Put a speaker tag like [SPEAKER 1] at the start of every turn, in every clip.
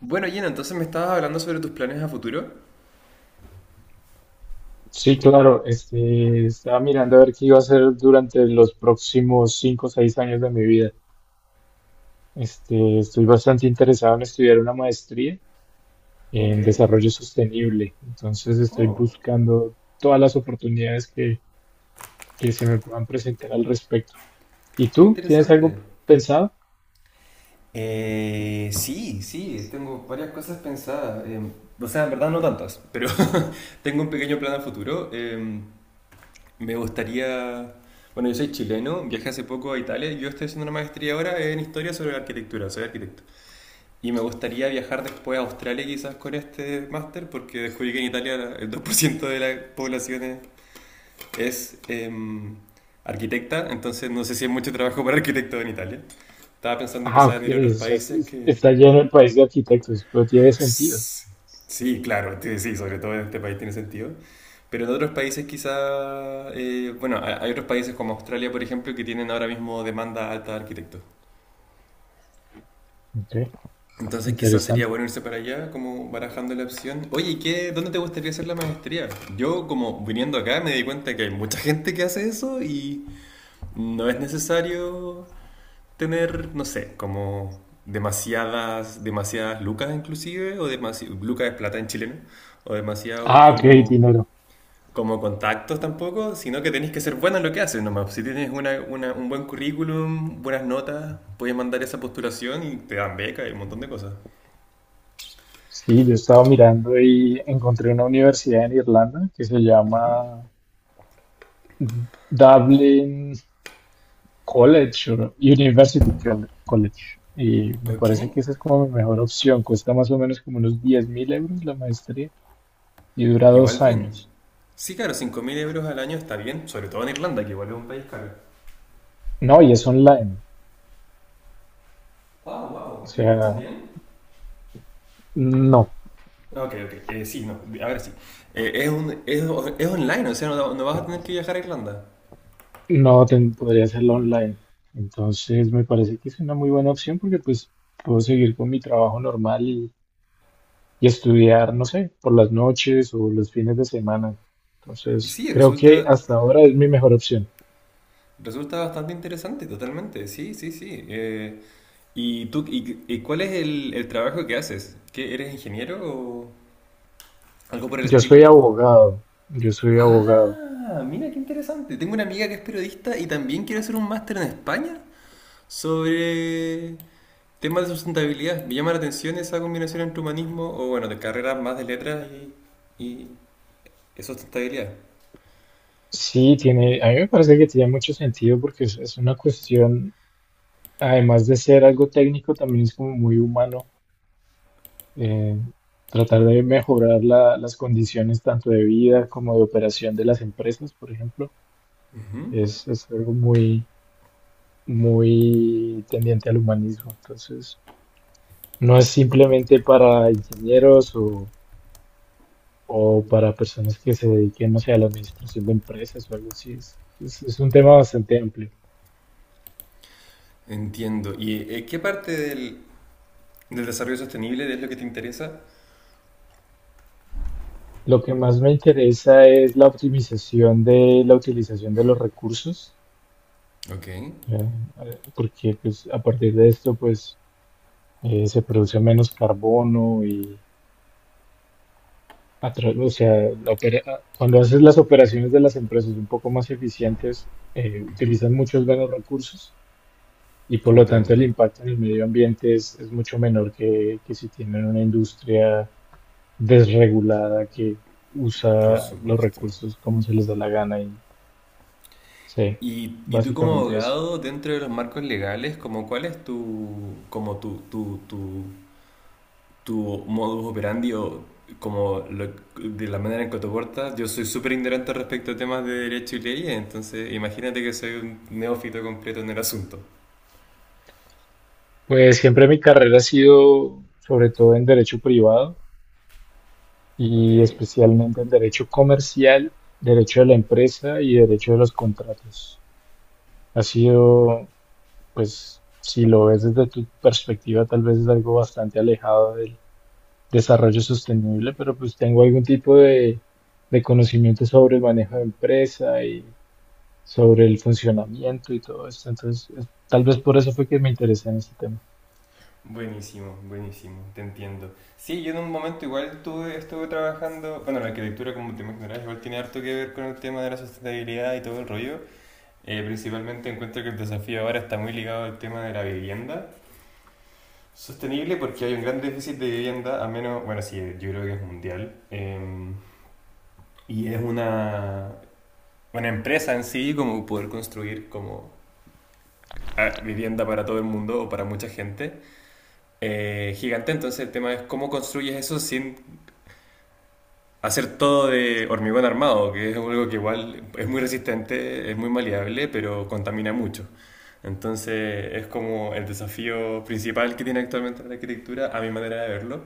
[SPEAKER 1] Bueno, Gina, entonces me estabas hablando sobre tus planes a futuro.
[SPEAKER 2] Sí, claro, estaba mirando a ver qué iba a hacer durante los próximos 5 o 6 años de mi vida. Estoy bastante interesado en estudiar una maestría
[SPEAKER 1] Ok.
[SPEAKER 2] en desarrollo sostenible, entonces estoy
[SPEAKER 1] Oh,
[SPEAKER 2] buscando todas las oportunidades que se me puedan presentar al respecto. ¿Y
[SPEAKER 1] qué
[SPEAKER 2] tú? ¿Tienes algo
[SPEAKER 1] interesante.
[SPEAKER 2] pensado?
[SPEAKER 1] Sí, sí, tengo varias cosas pensadas. O sea, en verdad no tantas, pero tengo un pequeño plan a futuro. Me gustaría... Bueno, yo soy chileno, viajé hace poco a Italia y yo estoy haciendo una maestría ahora en historia sobre la arquitectura, soy arquitecto. Y me gustaría viajar después a Australia quizás con este máster porque descubrí que en Italia el 2% de la población es arquitecta, entonces no sé si hay mucho trabajo para arquitectos en Italia. Estaba pensando
[SPEAKER 2] Ah,
[SPEAKER 1] quizás
[SPEAKER 2] ok,
[SPEAKER 1] en ir a otros países que...
[SPEAKER 2] está lleno el país de arquitectos, pero tiene sentido.
[SPEAKER 1] Sí, claro, sí, sobre todo en este país tiene sentido. Pero en otros países quizá... bueno, hay otros países como Australia, por ejemplo, que tienen ahora mismo demanda alta de arquitectos.
[SPEAKER 2] Ok,
[SPEAKER 1] Entonces quizás sería
[SPEAKER 2] interesante.
[SPEAKER 1] bueno irse para allá, como barajando la opción. Oye, ¿qué, dónde te gustaría hacer la maestría? Yo como viniendo acá me di cuenta que hay mucha gente que hace eso y no es necesario tener, no sé, como demasiadas lucas inclusive, o demasi lucas es plata en chileno, o demasiados
[SPEAKER 2] Ah, ok,
[SPEAKER 1] como,
[SPEAKER 2] dinero.
[SPEAKER 1] como contactos tampoco, sino que tenés que ser buena en lo que haces nomás. Si tienes un buen currículum, buenas notas, puedes mandar esa postulación y te dan beca y un montón de cosas.
[SPEAKER 2] Sí, yo estaba mirando y encontré una universidad en Irlanda que se llama Dublin College o University College. Y me
[SPEAKER 1] Ok,
[SPEAKER 2] parece que esa es como mi mejor opción. Cuesta más o menos como unos 10.000 euros la maestría y dura
[SPEAKER 1] igual
[SPEAKER 2] dos
[SPEAKER 1] bien.
[SPEAKER 2] años.
[SPEAKER 1] Sí, claro, 5.000 euros al año está bien, sobre todo en Irlanda, que igual es un país caro.
[SPEAKER 2] No, y es online.
[SPEAKER 1] Wow,
[SPEAKER 2] O
[SPEAKER 1] wow, ¿me escuchas
[SPEAKER 2] sea,
[SPEAKER 1] bien?
[SPEAKER 2] no,
[SPEAKER 1] Ok, ok. Sí, no, ahora sí. Es es online, o sea, no, no vas a tener que viajar a Irlanda.
[SPEAKER 2] podría hacerlo online. Entonces me parece que es una muy buena opción porque pues puedo seguir con mi trabajo normal y estudiar, no sé, por las noches o los fines de semana.
[SPEAKER 1] Y
[SPEAKER 2] Entonces,
[SPEAKER 1] sí,
[SPEAKER 2] creo que hasta ahora es mi mejor opción.
[SPEAKER 1] resulta bastante interesante, totalmente. Sí, sí, sí. ¿Y tú, y cuál es el trabajo que haces? ¿Qué, eres ingeniero o algo por el
[SPEAKER 2] Yo
[SPEAKER 1] estilo?
[SPEAKER 2] soy abogado, yo soy abogado.
[SPEAKER 1] Ah, mira qué interesante. Tengo una amiga que es periodista y también quiere hacer un máster en España. Sobre temas de sustentabilidad, me llama la atención esa combinación entre humanismo o, bueno, de carreras más de letras y, y y sustentabilidad.
[SPEAKER 2] Sí, tiene, a mí me parece que tiene mucho sentido porque es una cuestión, además de ser algo técnico, también es como muy humano, eh, tratar de mejorar las condiciones tanto de vida como de operación de las empresas, por ejemplo, es algo muy, muy tendiente al humanismo. Entonces, no es simplemente para ingenieros o, para personas que se dediquen, no sé, a la administración de empresas o algo así. Es un tema bastante amplio.
[SPEAKER 1] Entiendo. ¿Y qué parte del desarrollo sostenible es lo que te interesa?
[SPEAKER 2] Lo que más me interesa es la optimización de la utilización de los recursos,
[SPEAKER 1] Ok,
[SPEAKER 2] ¿ya? Porque pues, a partir de esto pues, se produce menos carbono y, o sea, cuando haces las operaciones de las empresas un poco más eficientes, utilizan muchos menos recursos. Y por lo tanto
[SPEAKER 1] comprendo,
[SPEAKER 2] el impacto en el medio ambiente es mucho menor que, si tienen una industria desregulada que
[SPEAKER 1] por
[SPEAKER 2] usa los
[SPEAKER 1] supuesto.
[SPEAKER 2] recursos como se les da la gana y sí,
[SPEAKER 1] ¿Y tú como
[SPEAKER 2] básicamente eso.
[SPEAKER 1] abogado, dentro de los marcos legales, como cuál es tu, como tu modus operandi o como lo- de la manera en que te portas. Yo soy súper ignorante respecto a temas de derecho y leyes, entonces imagínate que soy un neófito completo en el asunto.
[SPEAKER 2] Pues siempre mi carrera ha sido sobre todo en derecho privado
[SPEAKER 1] Ok.
[SPEAKER 2] y especialmente en derecho comercial, derecho de la empresa y derecho de los contratos. Ha sido, pues, si lo ves desde tu perspectiva, tal vez es algo bastante alejado desarrollo sostenible, pero pues tengo algún tipo de, conocimiento sobre el manejo de empresa y sobre el funcionamiento y todo esto. Entonces, tal vez por eso fue que me interesé en este tema.
[SPEAKER 1] Buenísimo, buenísimo, te entiendo. Sí, yo en un momento igual tuve, estuve trabajando, bueno, la arquitectura como te imaginarás igual tiene harto que ver con el tema de la sustentabilidad y todo el rollo. Principalmente encuentro que el desafío ahora está muy ligado al tema de la vivienda sostenible porque hay un gran déficit de vivienda, a menos, bueno, sí, yo creo que es mundial. Y es una empresa en sí, como poder construir como ah, vivienda para todo el mundo o para mucha gente gigante. Entonces el tema es cómo construyes eso sin hacer todo de hormigón armado, que es algo que igual es muy resistente, es muy maleable, pero contamina mucho. Entonces es como el desafío principal que tiene actualmente la arquitectura, a mi manera de verlo.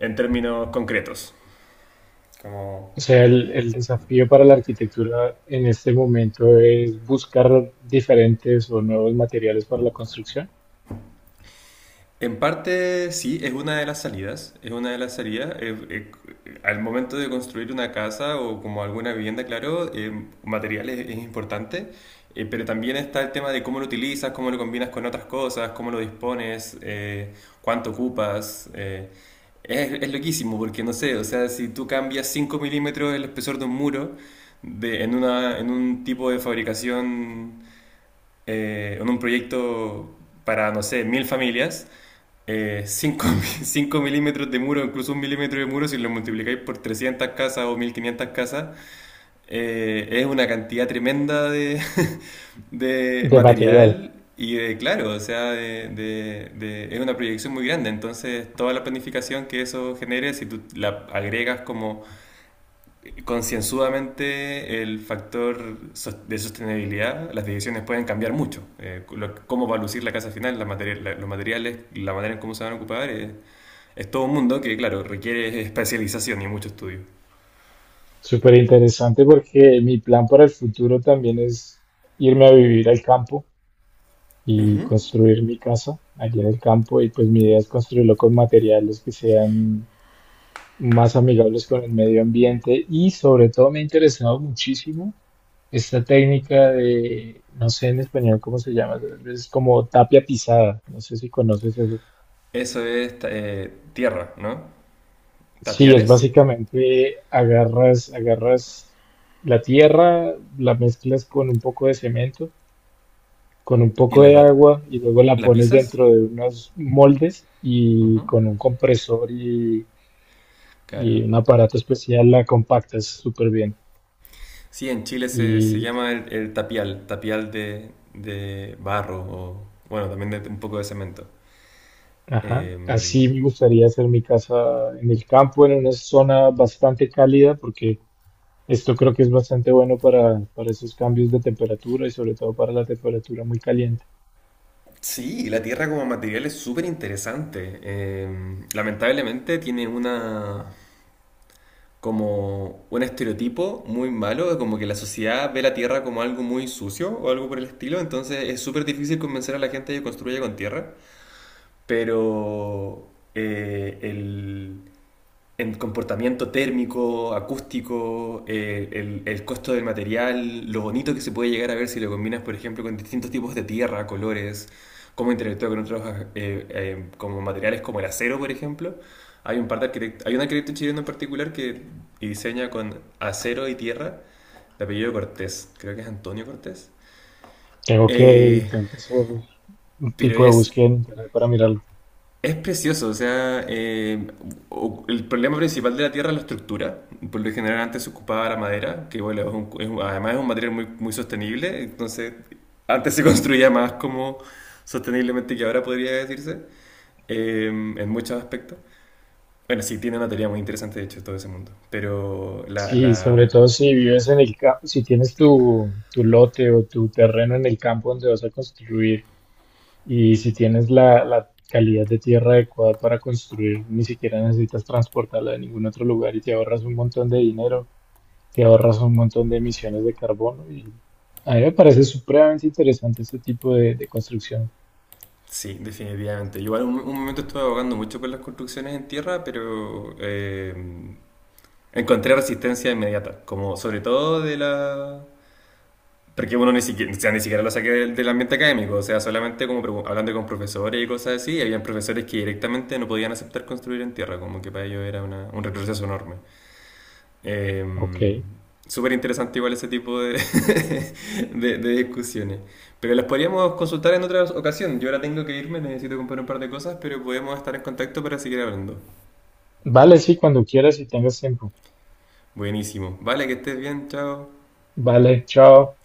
[SPEAKER 1] En términos concretos. Como...
[SPEAKER 2] O sea, el, desafío para la arquitectura en este momento es buscar diferentes o nuevos materiales para la construcción
[SPEAKER 1] En parte sí, es una de las salidas, es una de las salidas. Al momento de construir una casa o como alguna vivienda, claro, materiales es importante, pero también está el tema de cómo lo utilizas, cómo lo combinas con otras cosas, cómo lo dispones, cuánto ocupas. Es loquísimo porque no sé, o sea, si tú cambias 5 milímetros el espesor de un muro en un tipo de fabricación en un proyecto para, no sé, 1.000 familias, 5 milímetros de muro, incluso 1 milímetro de muro, si lo multiplicáis por 300 casas o 1.500 casas, es una cantidad tremenda de, de
[SPEAKER 2] de material.
[SPEAKER 1] material y de, claro, o sea, es una proyección muy grande. Entonces, toda la planificación que eso genere, si tú la agregas como concienzudamente el factor sos- de sostenibilidad, las decisiones pueden cambiar mucho. Cómo va a lucir la casa final, los materiales, la manera en cómo se van a ocupar, es todo un mundo que, claro, requiere especialización y mucho estudio.
[SPEAKER 2] Súper interesante porque mi plan para el futuro también es irme a vivir al campo y construir mi casa allí en el campo. Y pues mi idea es construirlo con materiales que sean más amigables con el medio ambiente y sobre todo me ha interesado muchísimo esta técnica de, no sé en español cómo se llama, es como tapia pisada, no sé si conoces eso.
[SPEAKER 1] Eso es tierra, ¿no?
[SPEAKER 2] Sí, es
[SPEAKER 1] Tapiales
[SPEAKER 2] básicamente agarras la tierra, la mezclas con un poco de cemento con un
[SPEAKER 1] y
[SPEAKER 2] poco de agua y luego la
[SPEAKER 1] la
[SPEAKER 2] pones
[SPEAKER 1] pisas.
[SPEAKER 2] dentro de unos moldes y
[SPEAKER 1] Ujú,
[SPEAKER 2] con un compresor y,
[SPEAKER 1] claro.
[SPEAKER 2] un aparato especial la compactas súper bien.
[SPEAKER 1] Sí, en Chile se
[SPEAKER 2] Y
[SPEAKER 1] llama el tapial, tapial de barro o, bueno, también de, un poco de cemento.
[SPEAKER 2] ajá,
[SPEAKER 1] Em,
[SPEAKER 2] así me gustaría hacer mi casa en el campo, en una zona bastante cálida, porque esto creo que es bastante bueno para, esos cambios de temperatura y sobre todo para la temperatura muy caliente.
[SPEAKER 1] Sí, la Tierra como material es súper interesante. Lamentablemente tiene una como un estereotipo muy malo, de como que la sociedad ve la Tierra como algo muy sucio o algo por el estilo, entonces es súper difícil convencer a la gente de que construya con tierra. Pero eh, el, en comportamiento térmico, acústico, el costo del material, lo bonito que se puede llegar a ver si lo combinas, por ejemplo, con distintos tipos de tierra, colores, cómo interactúa con otros como materiales como el acero, por ejemplo. Hay un arquitecto chileno en particular que diseña con acero y tierra, de apellido Cortés, creo que es Antonio Cortés.
[SPEAKER 2] Tengo que,
[SPEAKER 1] Eh,
[SPEAKER 2] tengo que hacer un
[SPEAKER 1] pero
[SPEAKER 2] tipo de
[SPEAKER 1] es
[SPEAKER 2] búsqueda en internet para mirarlo.
[SPEAKER 1] Es precioso, o sea, el problema principal de la tierra es la estructura. Por lo general antes se ocupaba la madera, que bueno, además es un material muy, muy sostenible, entonces antes se construía más como sosteniblemente que ahora podría decirse, en muchos aspectos. Bueno, sí, tiene una teoría muy interesante de hecho todo ese mundo, pero
[SPEAKER 2] Sí, sobre todo si vives en el campo, si tienes tu, lote o tu terreno en el campo donde vas a construir y si tienes la, calidad de tierra adecuada para construir, ni siquiera necesitas transportarla de ningún otro lugar y te ahorras un montón de dinero, te ahorras un montón de emisiones de carbono y a mí me parece supremamente interesante este tipo de, construcción.
[SPEAKER 1] sí, definitivamente. Yo igual un momento estuve abogando mucho por las construcciones en tierra, pero... Encontré resistencia inmediata, como sobre todo de la... Porque uno ni siquiera, o sea, ni siquiera lo saqué del ambiente académico, o sea, solamente como pregun- hablando con profesores y cosas así, y habían profesores que directamente no podían aceptar construir en tierra, como que para ellos era una- un retroceso enorme. Eh,
[SPEAKER 2] Ok,
[SPEAKER 1] Súper interesante igual ese tipo de, de discusiones. Pero las podríamos consultar en otra ocasión. Yo ahora tengo que irme, necesito comprar un par de cosas, pero podemos estar en contacto para seguir hablando.
[SPEAKER 2] vale, sí, cuando quieras y tengas tiempo.
[SPEAKER 1] Buenísimo. Vale, que estés bien, chao.
[SPEAKER 2] Vale, chao.